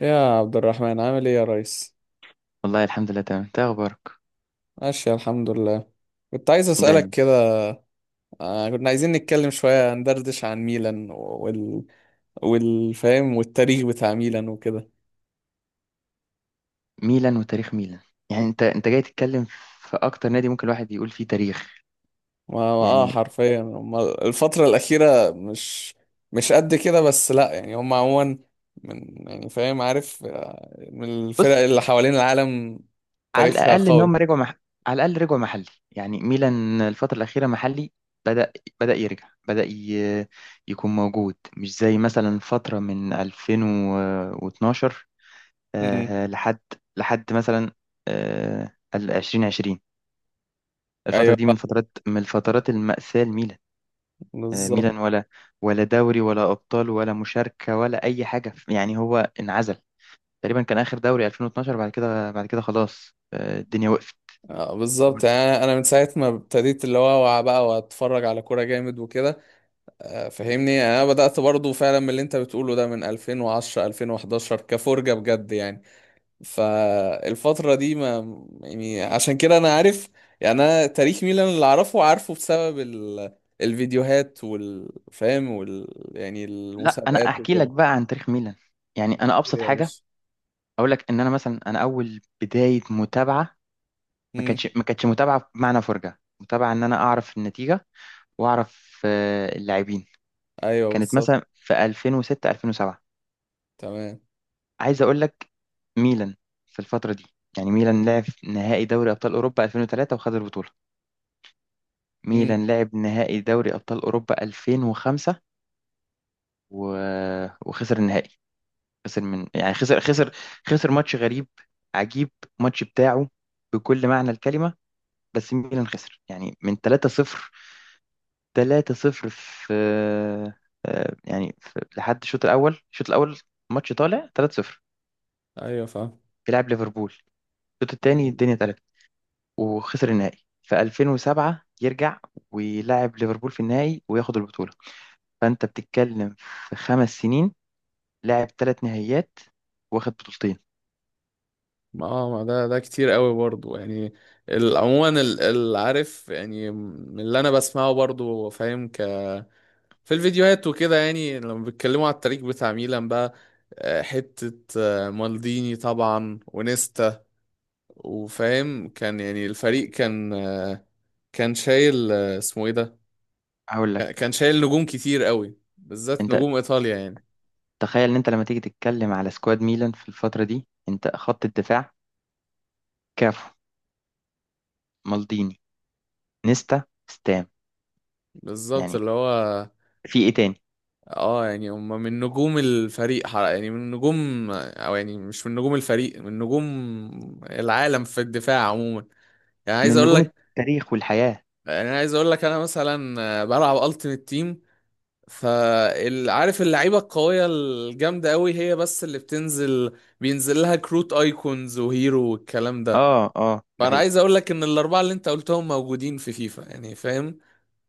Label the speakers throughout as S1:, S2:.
S1: يا عبد الرحمن، عامل ايه يا ريس؟
S2: والله الحمد لله، تمام. انت إيه اخبارك؟
S1: ماشي الحمد لله. كنت عايز اسالك
S2: دايما.
S1: كده. كنا عايزين نتكلم شويه، ندردش عن ميلان والفهم والتاريخ بتاع ميلان وكده.
S2: ميلان وتاريخ ميلان. يعني انت جاي تتكلم في اكتر نادي ممكن الواحد يقول فيه تاريخ. يعني،
S1: حرفيا هما الفتره الاخيره مش قد كده، بس لا، يعني هم عموما من يعني، فاهم؟ عارف من الفرق
S2: بص.
S1: اللي حوالين العالم،
S2: على
S1: تاريخها
S2: الاقل ان
S1: قوي.
S2: هم رجعوا على الاقل رجعوا محلي. يعني ميلان الفتره الاخيره محلي. بدا بدا يرجع، يكون موجود، مش زي مثلا فتره من 2012
S1: امم.
S2: آه، لحد لحد مثلا، ال 2020. الفتره
S1: ايوه
S2: دي من الفترات المأساة لميلان.
S1: بالظبط.
S2: ميلان، ولا دوري ولا أبطال ولا مشاركة ولا أي حاجة. يعني هو انعزل. تقريبا كان آخر دوري 2012. بعد كده خلاص، الدنيا وقفت.
S1: بالظبط. يعني انا من ساعه ما ابتديت اللي هو، اوعى بقى واتفرج على كوره جامد وكده. فاهمني، انا بدات برضو فعلا من اللي انت بتقوله ده، من 2010 2011 كفرجه بجد يعني. فالفتره دي ما يعني، عشان كده انا عارف يعني. انا تاريخ ميلان اللي اعرفه، عارفه بسبب الفيديوهات والفهم يعني
S2: لا، أنا
S1: المسابقات
S2: أحكي لك
S1: وكده.
S2: بقى عن تاريخ ميلان. يعني أنا
S1: تشكيل
S2: أبسط
S1: يا
S2: حاجة
S1: باشا.
S2: أقول لك، إن أنا مثلا، أنا أول بداية متابعة ما كانتش
S1: امم.
S2: ما كانتش متابعة بمعنى فرجة. متابعة إن أنا أعرف النتيجة وأعرف اللاعبين.
S1: ايوه
S2: كانت
S1: بالظبط.
S2: مثلا في 2006، 2007.
S1: تمام.
S2: عايز اقول لك، ميلان في الفتره دي، يعني ميلان لعب نهائي دوري ابطال اوروبا 2003 وخد البطوله.
S1: امم.
S2: ميلان لعب نهائي دوري ابطال اوروبا 2005 و... وخسر النهائي. خسر من، يعني، خسر ماتش غريب عجيب، ماتش بتاعه بكل معنى الكلمه. بس ميلان خسر، يعني، من 3-0. 3-0 في، يعني لحد الشوط الاول. ماتش طالع 3-0،
S1: ايوه فاهم.
S2: بيلعب ليفربول. الشوط التاني الدنيا. وخسر النهائي في 2007. يرجع ويلعب ليفربول في النهائي وياخد البطولة. فأنت بتتكلم، في 5 سنين، لاعب 3 نهائيات، واخد بطولتين.
S1: ما آه، ما ده كتير قوي برضو يعني. عموما العارف يعني، من اللي انا بسمعه برضو، فاهم؟ ك في الفيديوهات وكده، يعني لما بيتكلموا على التاريخ بتاع ميلان بقى، حتة مالديني طبعا ونيستا، وفاهم كان يعني، الفريق كان كان شايل، اسمه ايه ده،
S2: هقول لك،
S1: كان شايل نجوم كتير قوي، بالذات
S2: أنت
S1: نجوم ايطاليا يعني.
S2: تخيل إن أنت لما تيجي تتكلم على سكواد ميلان في الفترة دي. أنت خط الدفاع: كافو، مالديني، نيستا، ستام.
S1: بالظبط،
S2: يعني
S1: اللي هو
S2: في إيه تاني؟
S1: اه، يعني هم من نجوم الفريق يعني من نجوم، او يعني مش من نجوم الفريق، من نجوم العالم في الدفاع عموما. يعني عايز
S2: من
S1: اقول
S2: نجوم
S1: لك،
S2: التاريخ والحياة.
S1: يعني عايز اقول لك، انا مثلا بلعب التيمت تيم، فعارف اللعيبه القويه الجامده قوي، هي بس اللي بتنزل بينزل لها كروت ايكونز وهيرو والكلام ده.
S2: ده
S1: فانا
S2: حقيقي.
S1: عايز اقول لك ان الاربعه اللي انت قلتهم موجودين في فيفا، يعني فاهم؟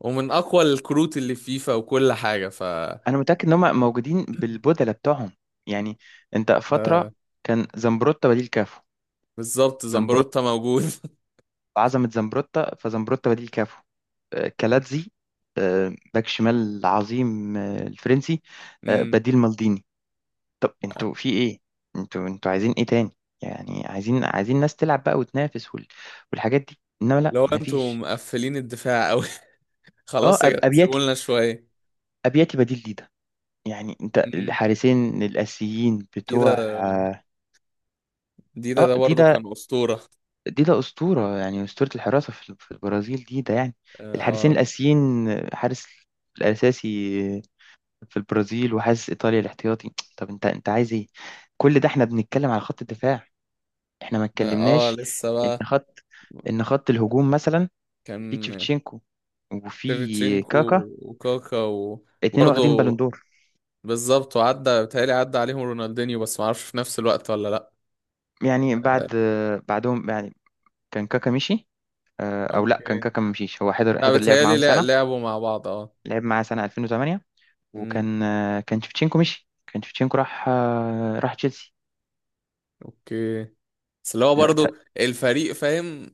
S1: ومن اقوى الكروت اللي في فيفا وكل حاجه. ف
S2: أنا متأكد إن هم موجودين بالبدلة بتوعهم. يعني أنت
S1: آه،
S2: فترة كان زمبروتا بديل كافو.
S1: بالظبط، زمبروتا موجود.
S2: وعزمت زمبروتا، فزمبروتا بديل كافو. كالاتزي، باك شمال عظيم، الفرنسي،
S1: امم.
S2: بديل مالديني. طب انتوا في ايه؟ انتوا عايزين ايه تاني؟ يعني عايزين ناس تلعب بقى وتنافس والحاجات دي، انما لا،
S1: لو انتوا
S2: مفيش.
S1: مقفلين الدفاع قوي،
S2: اه
S1: خلاص يا
S2: أب-
S1: جدعان، سيبوا
S2: ابياتي
S1: لنا شويه.
S2: ابياتي بديل ديدا. يعني انت
S1: امم.
S2: الحارسين الاسيين بتوع،
S1: ديدا. ديدا ده برضه
S2: ديدا.
S1: كان اسطوره.
S2: ديدا اسطوره، يعني اسطوره الحراسه في البرازيل. ديدا، يعني الحارسين
S1: اه.
S2: الاسيين، حارس الاساسي في البرازيل، وحاسس ايطاليا الاحتياطي. طب انت عايز ايه؟ كل ده احنا بنتكلم على خط الدفاع. احنا ما
S1: اه.
S2: اتكلمناش
S1: لسه
S2: ان
S1: بقى.
S2: خط، الهجوم مثلا، في
S1: كان
S2: تشيفتشينكو وفي
S1: شيفتشينكو
S2: كاكا.
S1: وكاكا،
S2: اتنين واخدين بالون
S1: وبرضه
S2: دور.
S1: بالظبط. وعدى بيتهيألي عدى عليهم رونالدينيو، بس معرفش في نفس الوقت ولا لا.
S2: يعني
S1: آه،
S2: بعدهم، يعني كان كاكا مشي، او لا، كان
S1: اوكي.
S2: كاكا ما مشيش، هو حضر
S1: لا،
S2: حضر لعب
S1: بيتهيألي
S2: معاهم سنه.
S1: لعبوا مع بعض اه.
S2: لعب معاه سنه 2008.
S1: امم.
S2: وكان آه، كان تشيفتشينكو مشي، كان تشيفتشينكو راح، راح تشيلسي.
S1: اوكي. بس اللي هو
S2: لا،
S1: برضه الفريق، فاهم؟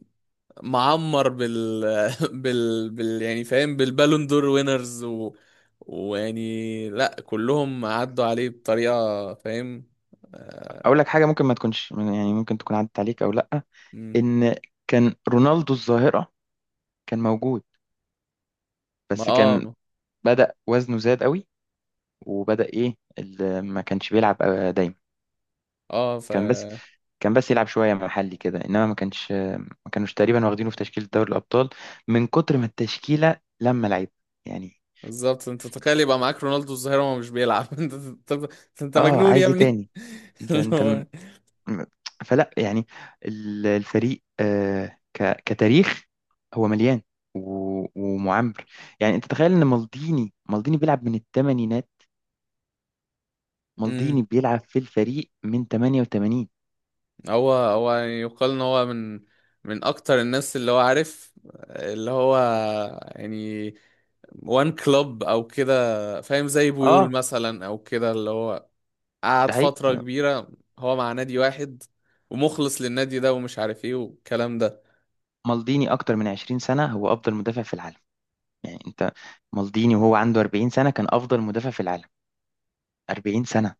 S1: معمر بال، يعني فاهم بالبالون دور وينرز و... ويعني لا، كلهم عدوا عليه بطريقة، فاهم؟
S2: اقول
S1: آه...
S2: لك حاجه ممكن ما تكونش، يعني ممكن تكون عدت عليك او لا،
S1: مم.
S2: ان كان رونالدو الظاهرة كان موجود.
S1: ما
S2: بس كان،
S1: اه.
S2: بدأ وزنه زاد قوي، وبدأ ما كانش بيلعب دايما.
S1: اه ف.
S2: كان بس كان بس يلعب شوية محلي كده، انما ما كانوش تقريبا واخدينه في تشكيلة دوري الأبطال، من كتر ما التشكيلة لما لعب. يعني،
S1: بالظبط، انت تخيل يبقى معاك رونالدو الظاهرة وهو مش بيلعب! انت، انت، انت
S2: اه
S1: مجنون يا
S2: عايز ايه
S1: ابني.
S2: تاني؟ انت
S1: اللي
S2: انت م-
S1: هو.
S2: م- فلا، يعني، الفريق، كتاريخ، هو مليان ومعمر. يعني انت تخيل ان مالديني بيلعب من الثمانينات.
S1: امم.
S2: مالديني بيلعب في الفريق من 88.
S1: هو يعني، يقال ان هو من من اكتر الناس اللي هو عارف، اللي هو يعني، وان كلوب او كده فاهم، زي بويول
S2: اه،
S1: مثلا او كده، اللي هو
S2: ده
S1: قعد
S2: حقيقي.
S1: فترة كبيرة هو مع نادي واحد ومخلص للنادي ده ومش عارف ايه والكلام ده.
S2: مالديني اكتر من 20 سنة هو افضل مدافع في العالم. يعني انت، مالديني وهو عنده 40 سنة كان افضل مدافع في العالم. 40 سنة.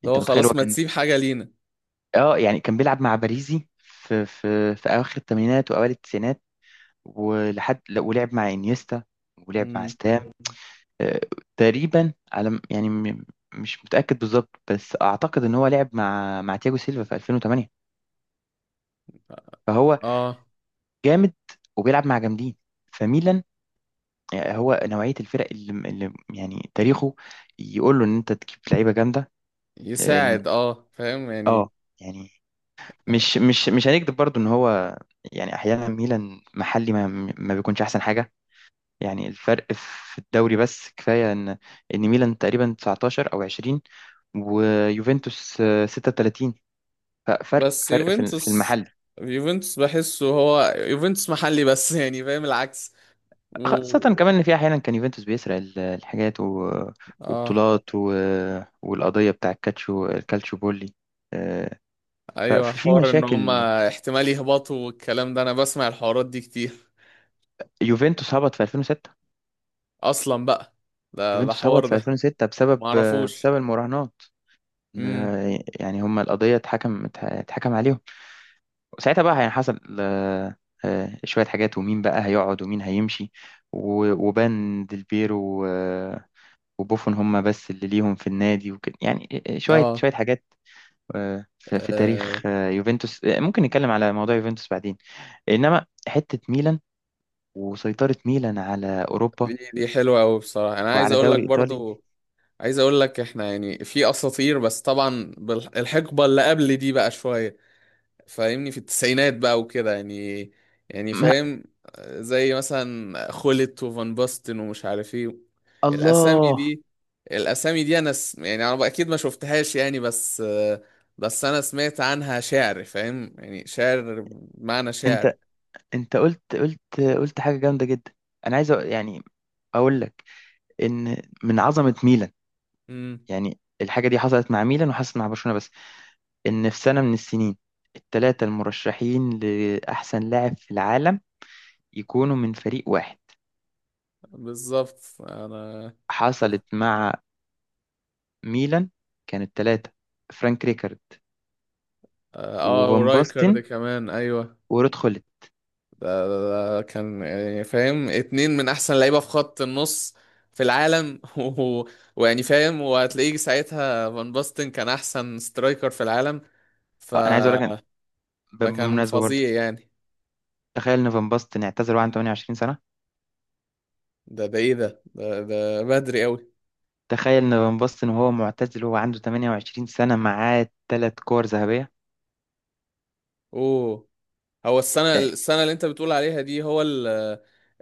S1: اللي
S2: انت
S1: هو
S2: متخيل
S1: خلاص،
S2: هو
S1: ما
S2: كان،
S1: تسيب حاجة لينا.
S2: اه يعني كان بيلعب مع باريزي، في اواخر الثمانينات واوائل التسعينات. ولحد، لا، ولعب مع انيستا، ولعب مع
S1: مم.
S2: ستام. آه، تقريبا، يعني، مش متأكد بالظبط، بس اعتقد ان هو لعب مع تياجو سيلفا في 2008.
S1: اه.
S2: جامد، وبيلعب مع جامدين. فميلان، هو نوعية الفرق اللي يعني تاريخه يقول له ان انت تجيب لعيبة جامدة. لأن-
S1: يساعد اه، فاهم يعني.
S2: اه يعني مش هنكذب برضو ان هو، يعني احيانا ميلان محلي ما بيكونش احسن حاجة. يعني الفرق في الدوري. بس كفاية ان ميلان تقريبا 19 او 20، ويوفنتوس 36. ففرق
S1: بس
S2: فرق في
S1: يوفنتوس،
S2: المحل.
S1: يوفنتوس بحسه هو، يوفنتوس محلي بس، يعني فاهم العكس،
S2: خاصة
S1: و
S2: كمان إن في أحيانا كان يوفنتوس بيسرق الحاجات
S1: اه.
S2: وبطولات، والقضية بتاع الكالتشو بولي. آه،
S1: ايوه،
S2: ففي
S1: حوار ان
S2: مشاكل.
S1: هما احتمال يهبطوا والكلام ده، انا بسمع الحوارات دي كتير
S2: يوفنتوس هبط في 2006
S1: اصلا بقى. ده
S2: يوفنتوس
S1: حوار
S2: هبط في
S1: ده،
S2: 2006 بسبب،
S1: ما اعرفوش.
S2: بسبب المراهنات.
S1: امم.
S2: يعني هم القضية اتحكم عليهم. وساعتها بقى يعني حصل شوية حاجات، ومين بقى هيقعد ومين هيمشي، وبان ديلبيرو، وبوفون، هم بس اللي ليهم في النادي وكده يعني. شوية
S1: اه.
S2: شوية حاجات. في
S1: آه،
S2: تاريخ يوفنتوس، ممكن نتكلم على موضوع يوفنتوس بعدين. انما حتة ميلان وسيطرة ميلان على اوروبا
S1: دي دي حلوه قوي بصراحه. انا عايز
S2: وعلى
S1: اقول لك
S2: دوري ايطالي.
S1: برضو، عايز اقول لك، احنا يعني في اساطير، بس طبعا الحقبه اللي قبل دي بقى شويه. فاهمني في التسعينات بقى وكده يعني، يعني
S2: ما
S1: فاهم، زي مثلا خولت وفان باستن ومش عارف ايه. الاسامي
S2: الله،
S1: دي، الاسامي دي انا يعني انا اكيد ما شفتهاش يعني، بس انا سمعت عنها شعر، فاهم يعني؟ شعر بمعنى شعر.
S2: انت انت قلت حاجة جامدة جدا. انا عايز، يعني، اقول لك ان من عظمة ميلان،
S1: امم.
S2: يعني الحاجة دي حصلت مع ميلان وحصلت مع برشلونة بس. ان في سنة من السنين، الثلاثة المرشحين لأحسن لاعب في العالم يكونوا من فريق واحد.
S1: بالظبط. انا
S2: حصلت مع ميلان. كانت ثلاثة: فرانك ريكارد،
S1: اه،
S2: وفان
S1: ورايكر ده
S2: باستن،
S1: كمان ايوه.
S2: ورود خولت.
S1: ده كان يعني فاهم، اتنين من احسن لعيبه في خط النص في العالم. و ويعني فاهم، وهتلاقيه ساعتها فان باستن كان احسن سترايكر في العالم. ف...
S2: أنا عايز أقول لك،
S1: فكان
S2: بالمناسبة برضو،
S1: فظيع يعني.
S2: تخيل إن فان باستن اعتزل وهو عنده
S1: مم.
S2: 28 سنة.
S1: ده ايه؟ ده بدري قوي.
S2: تخيل إن فان باستن، وهو معتزل وهو عنده 28 سنة، معاه 3 كور ذهبية.
S1: اوه. هو السنه
S2: آه،
S1: السنه اللي انت بتقول عليها دي، هو ال...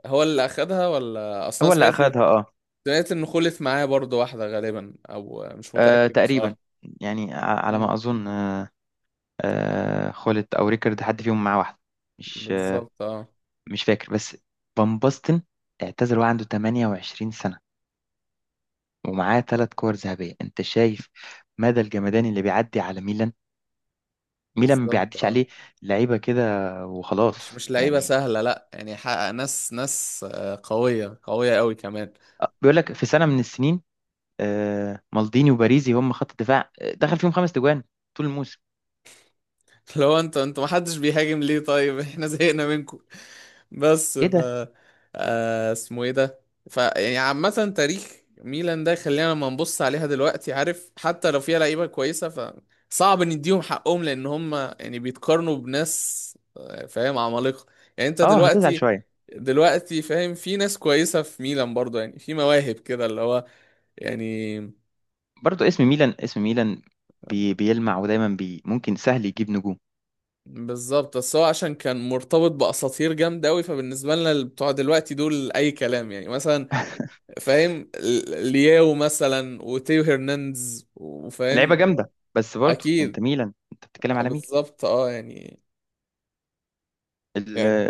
S1: هو اللي اخدها؟ ولا اصلا،
S2: هو اللي
S1: سمعت،
S2: أخدها، أه.
S1: سمعت انه خلف معاه برضه واحده غالبا، او مش متاكد
S2: تقريبا،
S1: بصراحه.
S2: يعني على ما
S1: امم.
S2: أظن، خولت أو ريكارد، حد فيهم معاه واحدة، مش آه،
S1: بالظبط اه.
S2: مش فاكر. بس فان باستن اعتزل وهو عنده 28 سنة ومعاه 3 كور ذهبية. انت شايف مدى الجمدان اللي بيعدي على ميلان؟ ميلان ما
S1: بالظبط
S2: بيعديش
S1: اه.
S2: عليه لعيبة كده
S1: مش
S2: وخلاص.
S1: مش لعيبه
S2: يعني،
S1: سهله لا، يعني حقق ناس، ناس قويه قويه قوي كمان.
S2: بيقول لك في سنة من السنين، مالديني وباريزي هم خط الدفاع، دخل فيهم 5 تجوان طول الموسم.
S1: لو انت، انت ما حدش بيهاجم ليه طيب؟ احنا زهقنا منكم. بس
S2: ايه
S1: ف
S2: ده؟
S1: اسمه ايه ده، ف يعني عامه، تاريخ ميلان ده خلينا لما نبص عليها دلوقتي، عارف؟ حتى لو فيها لعيبه كويسه، ف صعب نديهم حقهم، لان هم يعني بيتقارنوا بناس فاهم عمالقه. يعني انت
S2: اه، هتزعل
S1: دلوقتي،
S2: شوية.
S1: دلوقتي فاهم، في ناس كويسه في ميلان برضه، يعني في مواهب كده، اللي هو يعني
S2: برضو اسم ميلان، بيلمع، ودايما ممكن سهل يجيب نجوم.
S1: بالظبط. بس هو عشان كان مرتبط باساطير جامده قوي، فبالنسبه لنا اللي بتوع دلوقتي دول اي كلام، يعني مثلا فاهم، لياو مثلا وتيو هرنانديز
S2: لعيبة
S1: وفاهم
S2: جامدة، بس برضو انت
S1: اكيد.
S2: ميلان، انت بتتكلم على
S1: بالظبط اه، يعني
S2: ميل
S1: يعني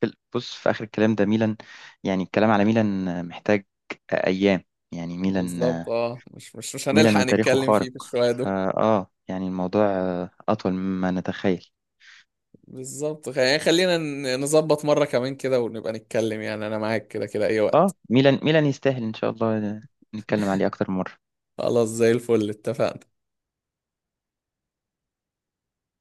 S2: بص، في آخر الكلام ده، ميلان. يعني الكلام على ميلان محتاج أيام. يعني ميلان،
S1: بالظبط اه. مش
S2: ميلان
S1: هنلحق
S2: وتاريخه
S1: نتكلم فيه
S2: خارق.
S1: في الشويه دول.
S2: فا آه يعني الموضوع أطول مما نتخيل.
S1: بالظبط، يعني خلينا نظبط مره كمان كده، ونبقى نتكلم يعني، انا معاك كده كده اي وقت.
S2: ميلان يستاهل إن شاء الله، نتكلم عليه أكتر من مرة.
S1: خلاص زي الفل، اتفقنا.